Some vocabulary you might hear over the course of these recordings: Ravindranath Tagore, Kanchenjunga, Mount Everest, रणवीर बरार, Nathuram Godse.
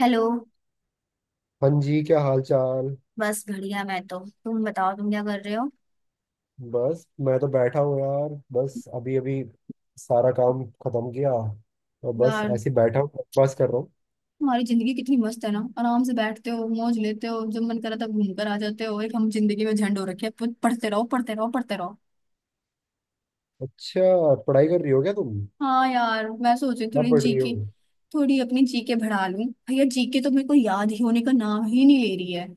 Hello. हाँ जी, क्या हाल चाल? बस बढ़िया। मैं तो, तुम बताओ, तुम क्या कर रहे हो? बस मैं तो बैठा हूँ यार। बस अभी अभी सारा काम खत्म किया और बस यार, ऐसे ही बैठा हूँ, बस कर रहा हूँ। तुम्हारी जिंदगी कितनी मस्त है ना, आराम से बैठते हो, मौज लेते हो, जब मन करा तब घूम कर आ जाते हो। एक हम जिंदगी में झंड हो रखे हैं, पढ़ते रहो, पढ़ते रहो, पढ़ते रहो। अच्छा, पढ़ाई कर रही हो क्या तुम? हाँ यार, मैं सोच रही हूँ क्या थोड़ी पढ़ रही हो? जीके, थोड़ी अपनी जीके बढ़ा लूँ भैया, जीके तो मेरे को याद ही होने का नाम ही नहीं ले रही है।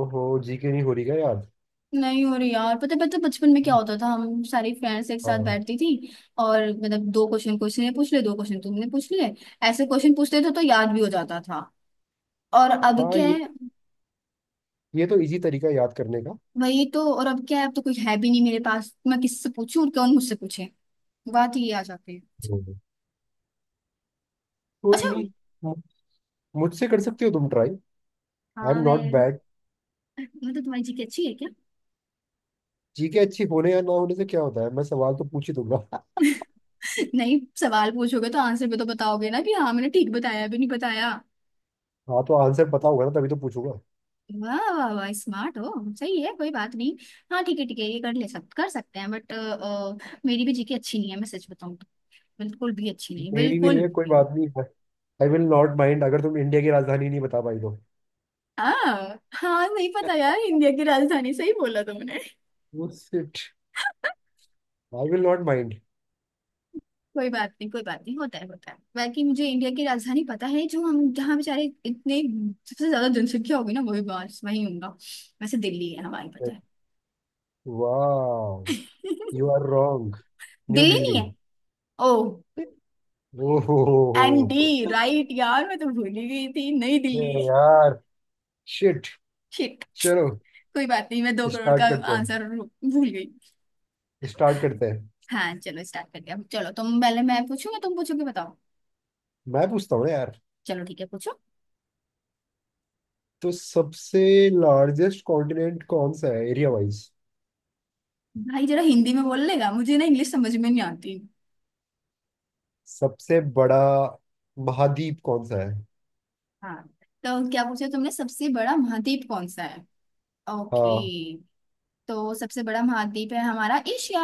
ओहो, जी के नहीं हो रही क्या याद? नहीं हो रही यार, पता पता बचपन में क्या होता था, हम सारी फ्रेंड्स एक साथ हाँ, बैठती थी। और मतलब दो क्वेश्चन क्वेश्चन ने पूछ ले, दो क्वेश्चन तुमने पूछ ले, ऐसे क्वेश्चन पूछते थे तो याद भी हो जाता था। और अब हाँ क्या ये है? तो इजी तरीका है याद करने का। वही तो। और अब क्या है, अब तो कोई है भी नहीं मेरे पास, मैं किससे पूछूं और कौन मुझसे पूछे? बात ही आ जाती है। हम्म। कोई अच्छा। नहीं। मु- मुझसे कर सकते हो तुम ट्राई। आई हाँ एम नॉट मैं। बैड। मतलब तुम्हारी जीके अच्छी है क्या? जी के अच्छी होने या ना होने से क्या होता है, मैं सवाल तो पूछ ही दूंगा। नहीं, सवाल पूछोगे तो आंसर भी तो बताओगे ना कि हाँ मैंने ठीक बताया भी नहीं बताया। हाँ, तो आंसर पता होगा ना तभी तो पूछूंगा। वाह वाह वाह, स्मार्ट हो। सही है, कोई बात नहीं। हाँ ठीक है, ठीक है, ये कर ले, सब कर सकते हैं बट मेरी भी जीके अच्छी नहीं है, मैं सच बताऊं तो। बिल्कुल भी अच्छी नहीं, मेरी भी बिल्कुल नहीं है, कोई भी। बात नहीं। आई विल नॉट माइंड अगर तुम इंडिया की राजधानी नहीं बता पाई तो। हाँ हाँ, नहीं पता यार इंडिया की राजधानी, सही बोला तुमने। Shit. I will not mind. कोई बात नहीं, कोई बात नहीं, होता है होता है। बाकी मुझे इंडिया की राजधानी पता है, जो हम जहाँ बेचारे इतने सबसे ज्यादा जनसंख्या होगी ना, वही बस वही होगा। वैसे दिल्ली है हमारी, पता है। वाह। You are wrong. New Delhi Delhi. नहीं है? ओ। ओहो। एनडी राइट यार, मैं तो भूल ही गई थी, नई दिल्ली। अरे यार। शिट। शिट। चलो, कोई बात नहीं, मैं 2 करोड़ का स्टार्ट करते हैं। आंसर भूल गई। स्टार्ट करते हैं। हाँ चलो स्टार्ट करते हैं, चलो तुम पहले, मैं पूछूंगा तुम पूछोगे, बताओ। मैं पूछता हूँ ना यार। चलो ठीक है, पूछो। तो सबसे लार्जेस्ट कॉन्टिनेंट कौन सा है एरिया वाइज? भाई जरा हिंदी में बोल लेगा, मुझे ना इंग्लिश समझ में नहीं आती। सबसे बड़ा महाद्वीप कौन सा है? हाँ, तो क्या पूछा तुमने, सबसे बड़ा महाद्वीप कौन सा है? ओके। हाँ। तो सबसे बड़ा महाद्वीप है हमारा एशिया,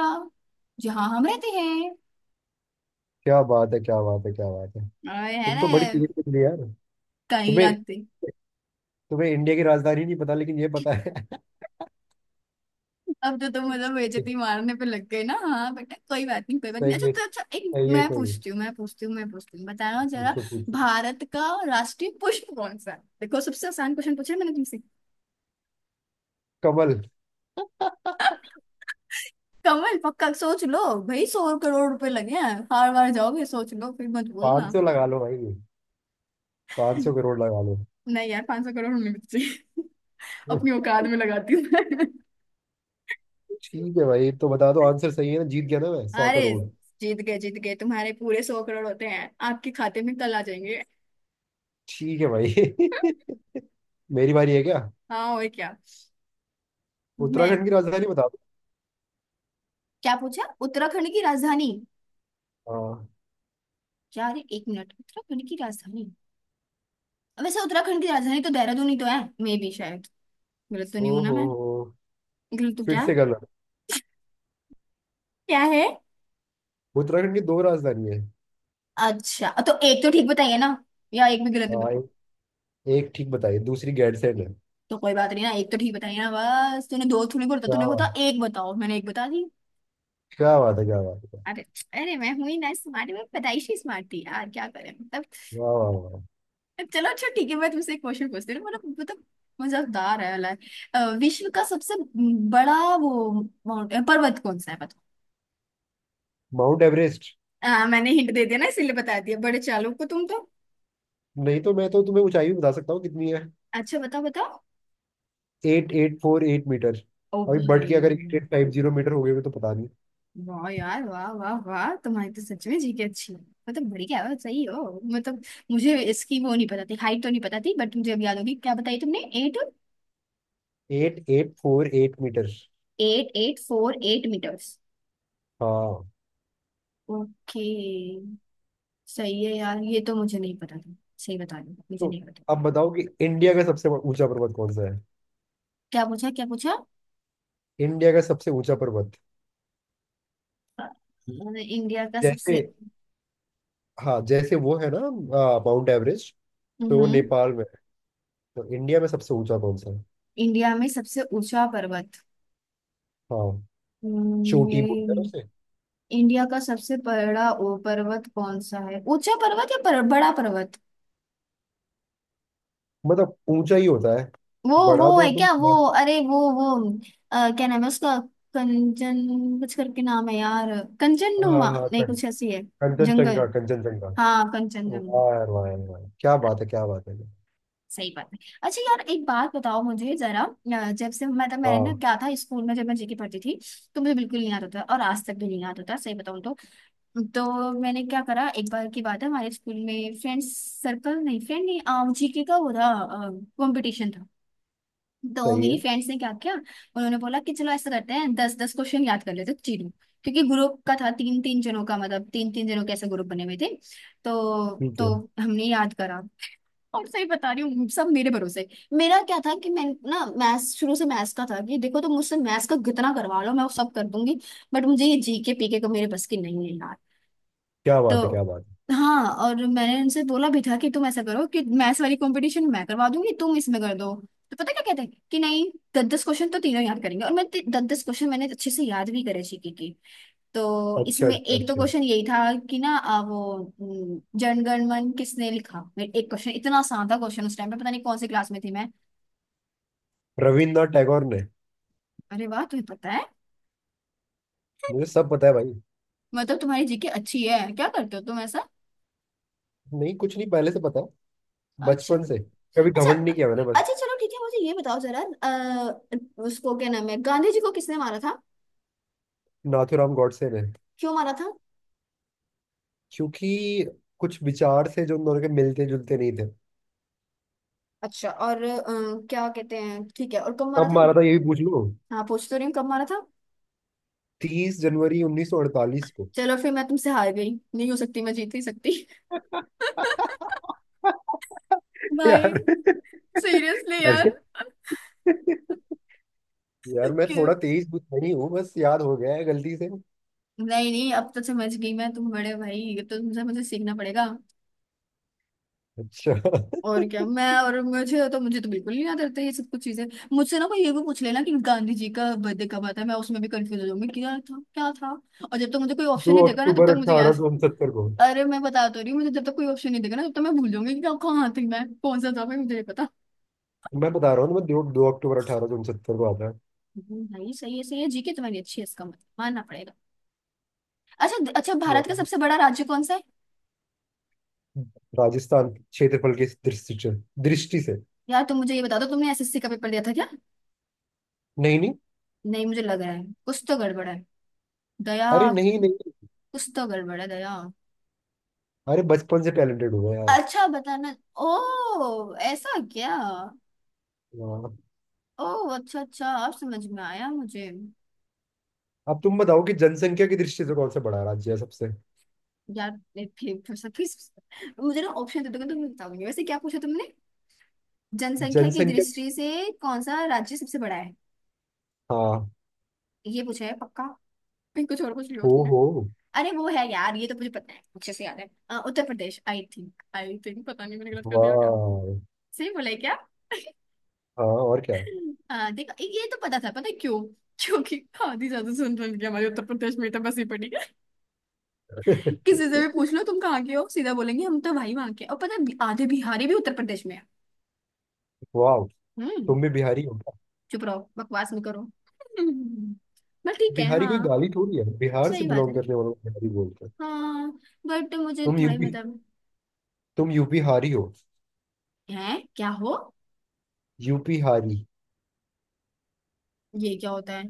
जहाँ हम रहते हैं, क्या बात है, क्या बात है, क्या बात है। और है तुम ना, तो बड़ी तेज निकली यार। कहीं तुम्हें ना कहीं। तुम्हें इंडिया की राजधानी नहीं पता लेकिन ये पता है। अब तो तुम मतलब बेइज्जती मारने पे लग गए ना। हाँ बेटा, कोई बात नहीं, कोई बात नहीं। सही अच्छा में तो अच्छा, एक सही है, मैं सही है। पूछती हूँ, मैं पूछती हूँ, मैं पूछती हूँ, बताना जरा। पूछो, पूछो। भारत का राष्ट्रीय पुष्प कौन सा है? देखो सबसे आसान क्वेश्चन पूछा है मैंने तुमसे। कमल। कमल पक्का? सोच लो। भाई 100 करोड़ रुपए लगे हैं। हार बार जाओगे, सोच लो, फिर मत बोलना। 500 लगा लो भाई। 500 करोड़ लगा लो। नहीं यार, 500 करोड़ में बच्चे अपनी औकात में लगाती हूँ मैं। ठीक है भाई, तो बता दो, आंसर सही है ना? जीत गया ना मैं? सौ अरे, करोड़ जीत गए जीत गए, तुम्हारे पूरे 100 करोड़ होते हैं, आपके खाते में कल आ जाएंगे। ठीक है भाई। मेरी बारी है क्या? हाँ और क्या। मैं। उत्तराखंड की राजधानी बता दो। क्या पूछा? उत्तराखंड की राजधानी? हाँ। यार एक मिनट, उत्तराखंड की राजधानी। वैसे उत्तराखंड की राजधानी तो देहरादून ही तो है, मे भी शायद। गलत तो ओ नहीं हूं ना हो मैं? हो। गलत तो फिर क्या? से गलत। क्या है? उत्तराखंड की दो राजधानी है। अच्छा तो एक तो ठीक बताइए ना, या एक भी गलत हाँ, एक ठीक बताइए, दूसरी गैरसैंण है। तो कोई बात नहीं ना, एक तो ठीक बताइए ना, बस तूने दो, तूने बोला क्या तूने बोला, बात, एक बताओ, मैंने एक बता दी। क्या बात है, क्या बात है। अरे अरे, मैं हुई ना स्मार्ट, मैं पैदाइशी स्मार्ट थी यार, क्या करें मतलब। वाह वाह वाह। चलो अच्छा ठीक है, मैं तुमसे एक क्वेश्चन पूछती हूँ, मतलब मजेदार है वाला है। like, विश्व का सबसे बड़ा वो माउंट पर्वत कौन सा है, बताओ? Mount Everest. मैंने हिंट दे दिया ना इसीलिए बता दिया, बड़े चालू को तुम तो। नहीं तो, मैं तो तुम्हें ऊंचाई भी बता सकता हूँ कितनी है। अच्छा बताओ बताओ। 8848 मीटर। ओ अभी बढ़ भाई। के अगर 8850 मीटर हो गए हुए तो पता नहीं। वाह यार, वाह वाह वाह, तुम्हारी तो सच में जी की अच्छी है। मतलब बढ़िया हो, सही हो मतलब। मुझे इसकी वो नहीं पता थी, हाइट तो नहीं पता थी, बट मुझे अब याद होगी। क्या बताई तुमने? Eight 8848 metre. Eight eight four eight metres. हाँ। ओके। सही है यार, ये तो मुझे नहीं पता था, सही बता रही हूँ, मुझे तो नहीं पता। अब बताओ कि इंडिया का सबसे ऊंचा पर्वत कौन सा है। क्या पूछा, क्या पूछा? इंडिया का सबसे ऊंचा पर्वत। अ, इंडिया का सबसे, जैसे, हाँ जैसे वो है ना, माउंट एवरेस्ट, तो वो हम्म नेपाल में है, तो इंडिया में सबसे ऊंचा कौन सा है? इंडिया में सबसे ऊंचा पर्वत, हाँ। चोटी बोलते हैं उसे। मेरे, इंडिया का सबसे बड़ा, ओ, पर्वत कौन सा है, ऊंचा पर्वत या बड़ा पर्वत? मतलब ऊंचा ही होता है वो बड़ा वो तो। है तुम क्या, वो। हाँ। अरे वो क्या नाम है उसका? कंचन, कुछ करके नाम है यार। हाँ, कंचननुमा नहीं, कुछ ऐसी है। जंगल? कंचनजंगा। कंचनजंगा। हाँ, कंचनजंगा। वाह यार, वाह यार, वाह, क्या बात है, क्या बात है। सही बात है। अच्छा यार, एक बात बताओ मुझे जरा, जब से मतलब मैंने ना हाँ। क्या था, स्कूल में जब मैं जीके पढ़ती थी, तो मुझे बिल्कुल नहीं आता था, और आज तक भी नहीं आता था, सही बताऊं तो। तो मैंने क्या करा, एक बार की बात है, हमारे स्कूल में फ्रेंड्स, सर्कल नहीं, फ्रेंड नहीं, जीके का वो था, कंपटीशन था। तो सही मेरी है। फ्रेंड्स ने क्या किया, उन्होंने बोला कि चलो ऐसा करते हैं, दस दस क्वेश्चन याद कर लेते हैं तीनों। क्योंकि ग्रुप का था, तीन तीन जनों का, मतलब तीन तीन जनों के ऐसे ग्रुप बने हुए थे। तो ठीक है। तो हमने याद करा। और सही बता रही हूँ, सब मेरे भरोसे। मेरा क्या था कि मैं ना मैथ्स, शुरू से मैथ्स का था कि देखो, तो मुझसे मैथ्स का कितना करवा लो, मैं वो सब कर दूंगी। बट मुझे ये जीके पीके का मेरे बस की नहीं है यार। क्या बात है, क्या तो बात हाँ, और मैंने उनसे बोला भी था कि तुम ऐसा करो कि मैथ्स वाली कंपटीशन मैं करवा दूंगी, तुम इसमें कर दो। तो पता क्या कहते हैं, कि नहीं, दस दस क्वेश्चन तो तीनों याद करेंगे, और मैं, दस दस क्वेश्चन मैंने अच्छे से याद भी करे, जीके की। है। तो अच्छा, इसमें एक तो अच्छा। क्वेश्चन यही था कि ना, वो जनगणमन किसने लिखा, मेरे एक क्वेश्चन, इतना आसान था क्वेश्चन, उस टाइम पे पता नहीं कौन सी क्लास में थी मैं। रविन्द्रनाथ टैगोर ने। अरे वाह, तुम्हें पता है? मुझे सब पता है भाई। मतलब तुम्हारी जीके अच्छी है, क्या करते हो तुम ऐसा? नहीं कुछ नहीं, पहले से पता है। अच्छा बचपन से। कभी अच्छा घमंड नहीं किया मैंने बस। अच्छा। चलो ठीक है, मुझे ये बताओ जरा, उसको क्या नाम है, गांधी जी को किसने मारा था? नाथूराम गॉडसे ने। क्यों मारा था? क्योंकि कुछ विचार से जो उन दोनों के मिलते जुलते नहीं थे। अच्छा और क्या कहते हैं, ठीक है, और कब मारा कब था? मारा था, ये भी पूछ लो। हाँ, पूछ तो रही हूँ, कब मारा था? 30 जनवरी 1948 को। चलो फिर, मैं तुमसे हार गई, नहीं हो सकती, मैं जीत नहीं सकती। भाई, यार। सीरियसली यार। अरे यार, मैं कि- थोड़ा तेज बुद्ध नहीं हूँ, बस याद हो गया है गलती से। नहीं नहीं, अब तो समझ गई मैं, तुम बड़े भाई, ये तो तुमसे मुझे सीखना पड़ेगा। अच्छा। और क्या, मैं, और मुझे तो बिल्कुल नहीं याद रहता ये सब कुछ चीजें। मुझसे ना कोई ये भी पूछ लेना कि गांधी जी का बर्थडे कब आता है, मैं उसमें भी कंफ्यूज हो जाऊंगी, क्या था क्या था। और जब तक मुझे कोई ऑप्शन दो नहीं देगा ना, तब अक्टूबर तक मुझे अठारह याद। सौ उनसत्तर को। अरे, मैं बता तो रही हूँ, मुझे जब तक कोई ऑप्शन नहीं देगा ना, तब तक मैं भूल जाऊंगी कि कहाँ थी मैं, कौन सा था भाई, मुझे नहीं पता। मैं बता रहा हूँ ना, मैं 2 अक्टूबर 1869 को आता है। भाई सही है, सही है, जीके तुम्हारी अच्छी है, इसका मतलब मानना पड़ेगा। अच्छा अच्छा, भारत का वाह। सबसे बड़ा राज्य कौन सा है? राजस्थान, क्षेत्रफल के दृष्टि से। यार तुम मुझे ये बता दो, तुमने SSC का पेपर दिया था क्या? नहीं नहीं। नहीं, मुझे लग रहा है कुछ तो गड़बड़ है दया। अरे नहीं नहीं। कुछ तो गड़बड़ है दया। अरे बचपन से टैलेंटेड हुआ यार। अच्छा बताना। ओ ऐसा क्या? वाह। ओ। अच्छा अच्छा, अब समझ में आया मुझे। अब तुम बताओ कि जनसंख्या की दृष्टि से कौन सा बड़ा राज्य है सबसे? यार ये फिर थोड़ा सा please, मुझे ना ऑप्शन दे दोगे तो मैं बताऊंगी, वैसे क्या पूछा तुमने? जनसंख्या की जनसंख्या की- दृष्टि से कौन सा राज्य सबसे बड़ा है? हाँ। ये पूछा है पक्का? फिर कुछ और पूछ लिया हो तुमने? हो। अरे वो है यार, ये तो मुझे पता है, अच्छे से याद है, उत्तर प्रदेश, आई थिंक, पता नहीं मैंने गलत कर दिया क्या? वाह। सही बोला है क्या? हाँ, और क्या। देखो, ये तो पता था, पता है क्यों? क्योंकि आधी ज्यादा सुन रही हमारे उत्तर प्रदेश में तो बसी पड़ी। किसी से भी पूछ लो, तुम कहाँ के हो, सीधा बोलेंगे हम तो भाई वहां के हैं। और पता है, आधे बिहारी भी उत्तर प्रदेश में है। वाह। हम्म। तुम भी बिहारी हो। चुप रहो, बकवास नहीं करो। हम्म, बट ठीक है बिहारी कोई हाँ। गाली थोड़ी है, बिहार से सही बात बिलोंग है, करने वालों को बिहारी बोलते हैं। हाँ। बट मुझे तुम थोड़े यूपी, मतलब, तुम यूपी हारी हो। है क्या हो? यूपी हारी। ये क्या होता है?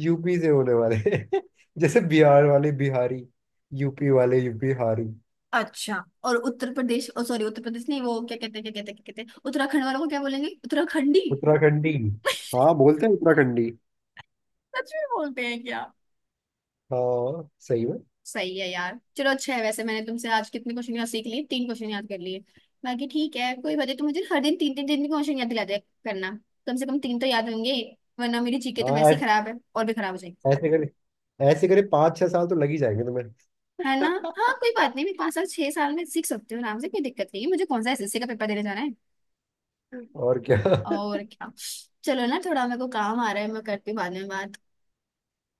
यूपी से होने वाले। जैसे बिहार वाले बिहारी, यूपी वाले यूपी हारी। अच्छा और उत्तर प्रदेश, ओ सॉरी, उत्तर प्रदेश नहीं, वो क्या कहते हैं, क्या कहते हैं, क्या कहते हैं, उत्तराखंड वालों को क्या बोलेंगे, उत्तराखंडी? उत्तराखंडी। हाँ बोलते हैं उत्तराखंडी। सच में बोलते हैं क्या? हाँ सही में। सही है यार, चलो अच्छा है। वैसे मैंने तुमसे आज कितने क्वेश्चन याद सीख लिए? तीन क्वेश्चन याद कर लिए। बाकी ठीक है, कोई बात नहीं, तो मुझे हर दिन तीन तीन तीन क्वेश्चन याद दिला दिया करना। कम से कम तीन तो याद होंगे। वरना मेरी जीके तो हाँ वैसे ही ऐ- खराब है, और भी खराब हो जाएगी। ऐसे करे ऐसे करे 5 6 साल तो लग ही जाएंगे तुम्हें। है ना? हाँ, कोई बात नहीं, मैं 5 साल 6 साल में सीख सकती हूँ आराम से, कोई दिक्कत नहीं है मुझे, कौन सा SSC का पेपर देने जाना है। और क्या। और क्या। चलो ना, थोड़ा मेरे को काम आ रहा है, मैं करती हूँ बाद में बात।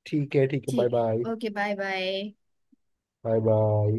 ठीक है, ठीक है, बाय ठीक बाय। है, okay, bye bye. Bye bye.